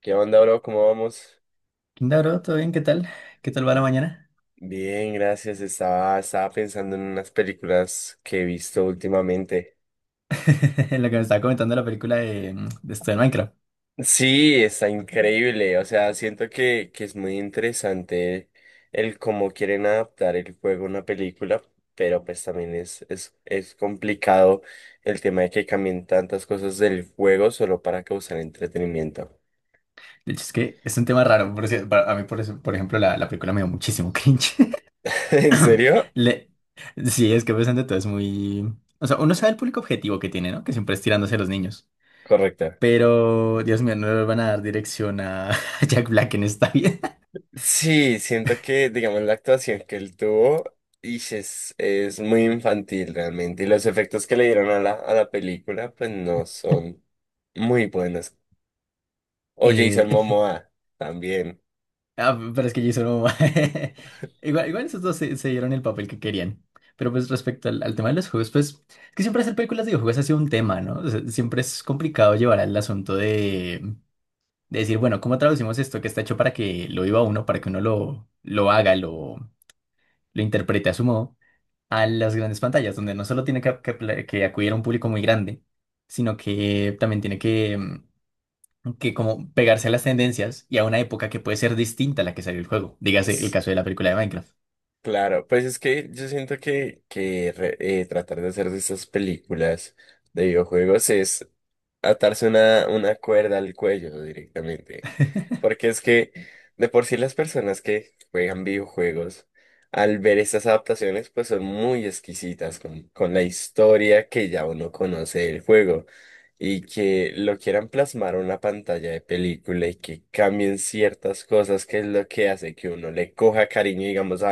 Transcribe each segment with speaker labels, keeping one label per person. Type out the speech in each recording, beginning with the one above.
Speaker 1: ¿Qué onda, bro? ¿Cómo vamos?
Speaker 2: Hola, bro, ¿todo bien? ¿Qué tal? ¿Qué tal va la mañana?
Speaker 1: Bien, gracias. Estaba pensando en unas películas que he visto últimamente.
Speaker 2: Lo que me estaba comentando la película de esto de Minecraft.
Speaker 1: Sí, está increíble. O sea, siento que es muy interesante el cómo quieren adaptar el juego a una película, pero pues también es complicado el tema de que cambien tantas cosas del juego solo para causar entretenimiento.
Speaker 2: De hecho, es que es un tema raro. A mí, por eso, por ejemplo, la película me dio muchísimo cringe.
Speaker 1: ¿En serio?
Speaker 2: Le, sí, es que pensando todo es muy... O sea, uno sabe el público objetivo que tiene, ¿no? Que siempre es tirándose a los niños.
Speaker 1: Correcto.
Speaker 2: Pero, Dios mío, no le van a dar dirección a Jack Black en esta vida.
Speaker 1: Sí, siento que, digamos, la actuación que él tuvo ish, es muy infantil realmente. Y los efectos que le dieron a la película, pues no son muy buenos. O Jason
Speaker 2: Eh,
Speaker 1: Momoa también.
Speaker 2: Ah, pero es que Jason Momoa. Igual esos dos se dieron el papel que querían. Pero pues respecto al tema de los juegos, pues es que siempre hacer películas de videojuegos ha sido un tema, ¿no? O sea, siempre es complicado llevar al asunto de decir, bueno, ¿cómo traducimos esto que está hecho para que lo viva uno, para que uno lo haga, lo interprete a su modo, a las grandes pantallas, donde no solo tiene que acudir a un público muy grande, sino que también tiene que como pegarse a las tendencias y a una época que puede ser distinta a la que salió el juego. Dígase el caso de la película de Minecraft.
Speaker 1: Claro, pues es que yo siento que, tratar de hacer de estas películas de videojuegos es atarse una cuerda al cuello directamente. Porque es que de por sí las personas que juegan videojuegos, al ver estas adaptaciones, pues son muy exquisitas con la historia que ya uno conoce del juego. Y que lo quieran plasmar a una pantalla de película y que cambien ciertas cosas, que es lo que hace que uno le coja cariño, digamos,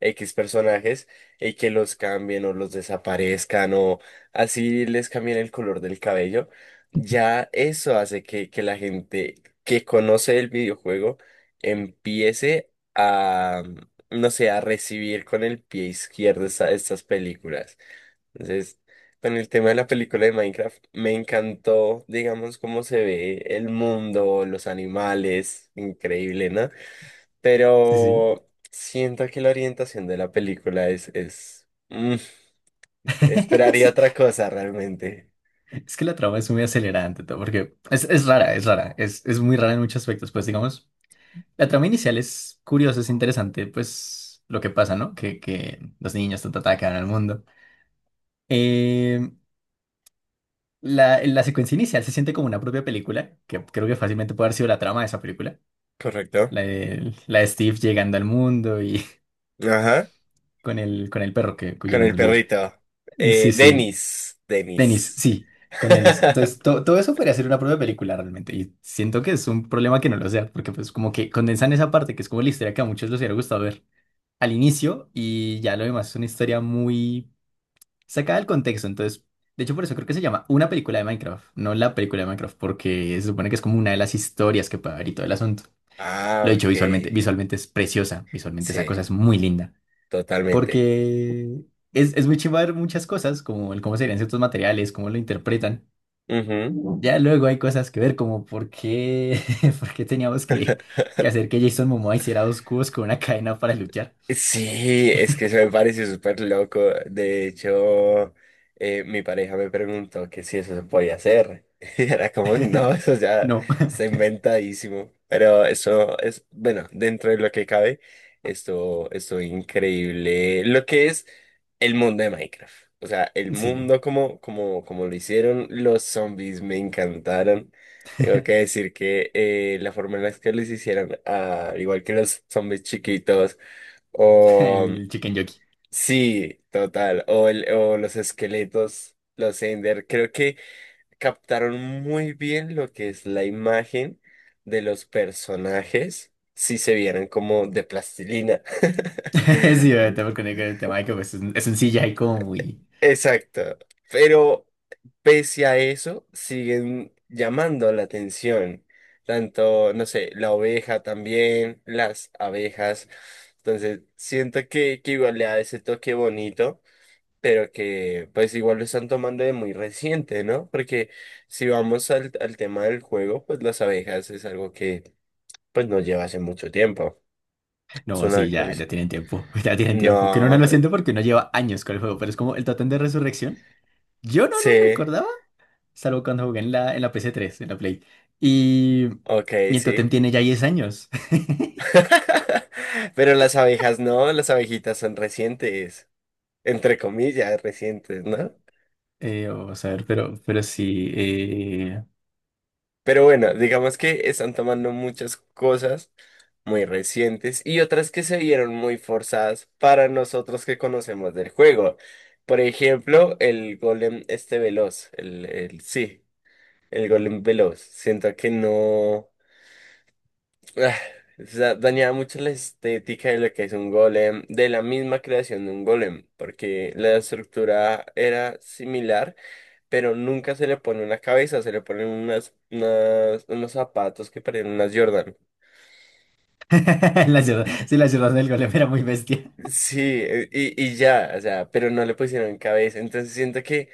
Speaker 1: X personajes y que los cambien o los desaparezcan o así les cambien el color del cabello, ya eso hace que la gente que conoce el videojuego empiece a, no sé, a recibir con el pie izquierdo estas películas. Entonces, con el tema de la película de Minecraft, me encantó, digamos, cómo se ve el mundo, los animales, increíble, ¿no?
Speaker 2: Sí, sí.
Speaker 1: Pero siento que la orientación de la película. Esperaría
Speaker 2: Sí,
Speaker 1: otra cosa realmente.
Speaker 2: es que la trama es muy acelerada ante todo, porque es rara, es rara, es muy rara en muchos aspectos. Pues digamos, la trama inicial es curiosa, es interesante, pues lo que pasa, ¿no? Que los niños quedan al mundo. Eh, la secuencia inicial se siente como una propia película, que creo que fácilmente puede haber sido la trama de esa película.
Speaker 1: Correcto.
Speaker 2: La de Steve llegando al mundo y
Speaker 1: Ajá.
Speaker 2: con el perro que, cuyo
Speaker 1: Con el
Speaker 2: nombre olvidé.
Speaker 1: perrito.
Speaker 2: Sí, sí,
Speaker 1: Dennis.
Speaker 2: Denis,
Speaker 1: Dennis.
Speaker 2: sí, con Denis. Entonces, todo eso podría ser una prueba de película realmente. Y siento que es un problema que no lo sea, porque pues como que condensan esa parte, que es como la historia que a muchos les hubiera gustado ver al inicio, y ya lo demás es una historia muy sacada del contexto. Entonces, de hecho, por eso creo que se llama una película de Minecraft, no la película de Minecraft, porque se supone que es como una de las historias que puede haber y todo el asunto.
Speaker 1: Ah,
Speaker 2: Lo he dicho
Speaker 1: ok.
Speaker 2: visualmente, visualmente es preciosa, visualmente esa
Speaker 1: Sí,
Speaker 2: cosa es muy linda.
Speaker 1: totalmente.
Speaker 2: Porque es muy chimba ver muchas cosas, como el cómo serían ciertos materiales, cómo lo interpretan.
Speaker 1: Ujú.
Speaker 2: Ya luego hay cosas que ver, como por qué, por qué teníamos que hacer que Jason Momoa hiciera dos cubos con una cadena para luchar.
Speaker 1: Sí, es que eso me parece súper loco. De hecho, mi pareja me preguntó que si eso se podía hacer. Y era como, no, eso ya
Speaker 2: No,
Speaker 1: está inventadísimo. Pero eso es, bueno, dentro de lo que cabe, esto increíble. Lo que es el mundo de Minecraft. O sea, el
Speaker 2: sí,
Speaker 1: mundo como lo hicieron los zombies me encantaron. Tengo que decir que la forma en la que los hicieron, igual que los zombies chiquitos. O
Speaker 2: el chicken jockey.
Speaker 1: sí, total. O, o los esqueletos, los Ender. Creo que captaron muy bien lo que es la imagen de los personajes si se vieran como de plastilina.
Speaker 2: Sí, obviamente, porque con el tema de que pues, es un CGI como muy...
Speaker 1: Exacto. Pero pese a eso, siguen llamando la atención. Tanto, no sé, la oveja también, las abejas. Entonces, siento que igual le da ese toque bonito. Pero que pues igual lo están tomando de muy reciente, ¿no? Porque si vamos al tema del juego, pues las abejas es algo que pues no lleva hace mucho tiempo. Es
Speaker 2: No,
Speaker 1: una
Speaker 2: sí, ya, ya
Speaker 1: actualización.
Speaker 2: tienen tiempo, ya tienen tiempo. Que uno no
Speaker 1: No,
Speaker 2: lo siente porque uno lleva años con el juego, pero es como el Totem de Resurrección. Yo no lo
Speaker 1: sí,
Speaker 2: recordaba. Salvo cuando jugué en la PS3 en la Play. Y,
Speaker 1: ok,
Speaker 2: y el Totem
Speaker 1: sí.
Speaker 2: tiene ya 10 años.
Speaker 1: Pero las abejas no, las abejitas son recientes, entre comillas, recientes, ¿no?
Speaker 2: Vamos a ver, pero sí.
Speaker 1: Pero bueno, digamos que están tomando muchas cosas muy recientes y otras que se vieron muy forzadas para nosotros que conocemos del juego. Por ejemplo, el golem este veloz, el sí, el golem veloz. Siento que no ah, o sea, dañaba mucho la estética de lo que es un golem, de la misma creación de un golem, porque la estructura era similar, pero nunca se le pone una cabeza, se le ponen unos zapatos que parecen unas Jordan.
Speaker 2: La ciudad, sí, la ciudad del golem era muy bestia.
Speaker 1: Sí, y ya, o sea, pero no le pusieron cabeza. Entonces siento que,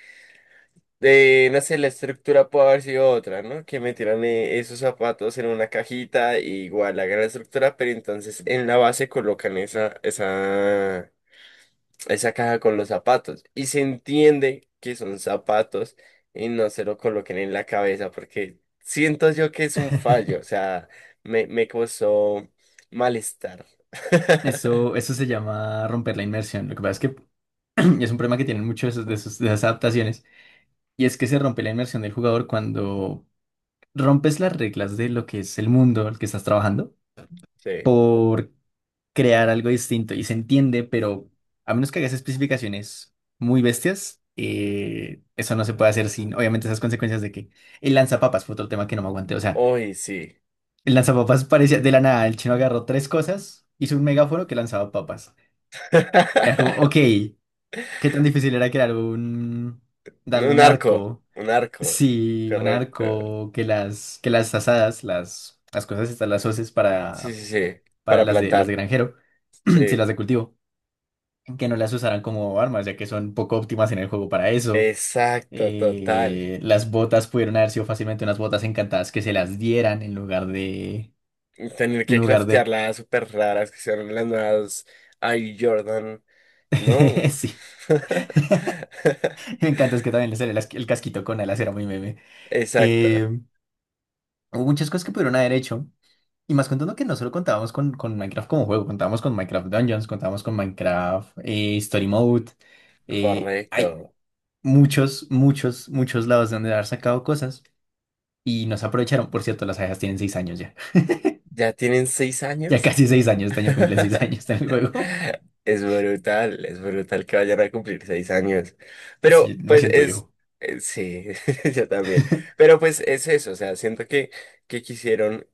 Speaker 1: no sé, la estructura puede haber sido otra, ¿no? Que metieran esos zapatos en una cajita, y igual hagan la estructura, pero entonces en la base colocan esa caja con los zapatos. Y se entiende que son zapatos y no se lo coloquen en la cabeza, porque siento yo que es un fallo, o sea, me causó malestar.
Speaker 2: Eso, eso se llama romper la inmersión. Lo que pasa es que es un problema que tienen muchos de esas adaptaciones. Y es que se rompe la inmersión del jugador cuando rompes las reglas de lo que es el mundo al que estás trabajando
Speaker 1: Sí.
Speaker 2: crear algo distinto y se entiende, pero a menos que hagas especificaciones muy bestias, eso no se puede hacer sin, obviamente, esas consecuencias de que el lanzapapas fue otro tema que no me aguanté. O sea,
Speaker 1: Hoy sí.
Speaker 2: el lanzapapas parecía de la nada, el chino agarró tres cosas, hizo un megáforo que lanzaba papas. Era como, ok, ¿qué tan difícil era darle un arco?
Speaker 1: Un arco,
Speaker 2: Sí, un
Speaker 1: correcto.
Speaker 2: arco, que las asadas, las cosas estas, las hoces
Speaker 1: Sí,
Speaker 2: para,
Speaker 1: sí, sí,
Speaker 2: para
Speaker 1: para
Speaker 2: las de
Speaker 1: plantar.
Speaker 2: granjero, si
Speaker 1: Sí,
Speaker 2: las de cultivo que no las usarán como armas, ya que son poco óptimas en el juego para eso.
Speaker 1: exacto, total.
Speaker 2: Las botas pudieron haber sido fácilmente unas botas encantadas que se las dieran en lugar de.
Speaker 1: Tener
Speaker 2: En
Speaker 1: que
Speaker 2: lugar
Speaker 1: craftear
Speaker 2: de...
Speaker 1: las súper raras que son las nuevas Air Jordan. No.
Speaker 2: Sí, me encanta, es que también le sale el casquito con alas, era muy meme.
Speaker 1: Exacto,
Speaker 2: Eh, Hubo muchas cosas que pudieron haber hecho. Y más contando que no solo contábamos con Minecraft como juego, contábamos con Minecraft Dungeons, contábamos con Minecraft Story Mode. Hay
Speaker 1: correcto.
Speaker 2: muchos, muchos, muchos lados de donde haber sacado cosas. Y nos aprovecharon, por cierto, las abejas tienen 6 años ya.
Speaker 1: ¿Ya tienen seis
Speaker 2: Ya
Speaker 1: años?
Speaker 2: casi 6 años, este año cumplen seis años en el juego.
Speaker 1: Es brutal que vayan a cumplir 6 años.
Speaker 2: Sí,
Speaker 1: Pero
Speaker 2: me
Speaker 1: pues
Speaker 2: siento
Speaker 1: es,
Speaker 2: viejo.
Speaker 1: sí, yo también. Pero pues es eso, o sea, siento que quisieron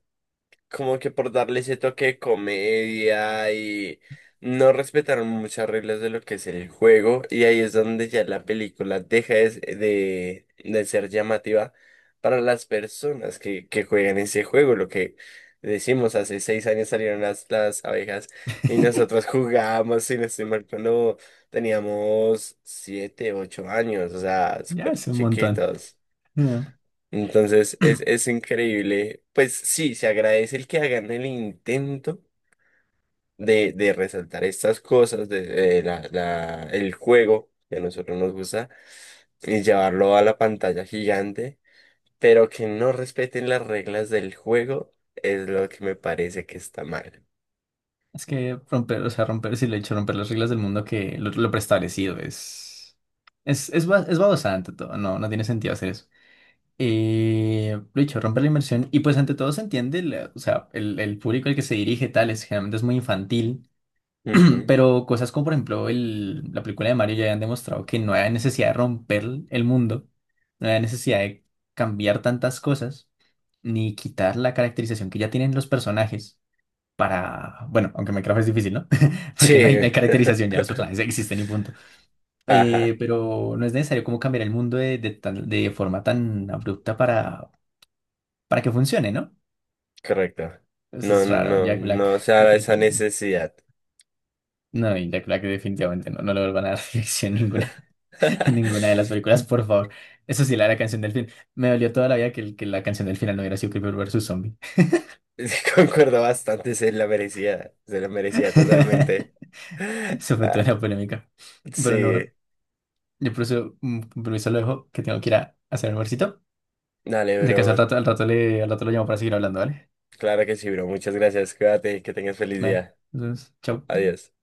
Speaker 1: como que por darle ese toque de comedia y no respetaron muchas reglas de lo que es el juego y ahí es donde ya la película deja de ser llamativa para las personas que juegan ese juego, lo que decimos, hace 6 años salieron las abejas y nosotros jugábamos, si no estoy mal, cuando teníamos 7, 8 años, o sea,
Speaker 2: Ya
Speaker 1: súper
Speaker 2: es un montón.
Speaker 1: chiquitos.
Speaker 2: Ah.
Speaker 1: Entonces es, es increíble. Pues sí, se agradece el que hagan el intento de resaltar estas cosas, de el juego que a nosotros nos gusta, y llevarlo a la pantalla gigante, pero que no respeten las reglas del juego es lo que me parece que está mal.
Speaker 2: Es que romper, o sea, romper, si le he hecho romper las reglas del mundo que lo preestablecido es. Es babosa ante todo, no, no tiene sentido hacer eso. Lo dicho, romper la inmersión y pues ante todo se entiende, o sea, el público al que se dirige tal es generalmente es muy infantil.
Speaker 1: Ujú.
Speaker 2: Pero cosas como, por ejemplo, la película de Mario ya han demostrado que no hay necesidad de romper el mundo, no hay necesidad de cambiar tantas cosas, ni quitar la caracterización que ya tienen los personajes para, bueno, aunque Minecraft es difícil, ¿no? Porque no hay, no
Speaker 1: Sí.
Speaker 2: hay caracterización, ya los personajes existen y punto.
Speaker 1: Ajá,
Speaker 2: Pero no es necesario como cambiar el mundo de forma tan abrupta para que funcione, ¿no?
Speaker 1: correcto.
Speaker 2: Eso
Speaker 1: No,
Speaker 2: es raro,
Speaker 1: no,
Speaker 2: Jack Black
Speaker 1: no se da esa
Speaker 2: definitivamente.
Speaker 1: necesidad.
Speaker 2: No, y Jack Black definitivamente no, no le vuelvan a dar dirección ninguna. En ninguna de las películas, por favor. Eso sí, la canción del fin. Me dolió toda la vida que la canción del final no hubiera sido Creeper versus Zombie.
Speaker 1: Concuerdo bastante, se la merecía totalmente.
Speaker 2: Sobre todo
Speaker 1: Ah,
Speaker 2: en la polémica. Pero no,
Speaker 1: sí,
Speaker 2: bro. Yo por eso, con permiso, lo dejo, que tengo que ir a hacer el almuercito.
Speaker 1: dale,
Speaker 2: De casa al
Speaker 1: bro.
Speaker 2: rato, al rato lo llamo para seguir hablando, ¿vale?
Speaker 1: Claro que sí, bro. Muchas gracias. Cuídate, que tengas feliz
Speaker 2: Vale.
Speaker 1: día.
Speaker 2: Entonces, chao.
Speaker 1: Adiós.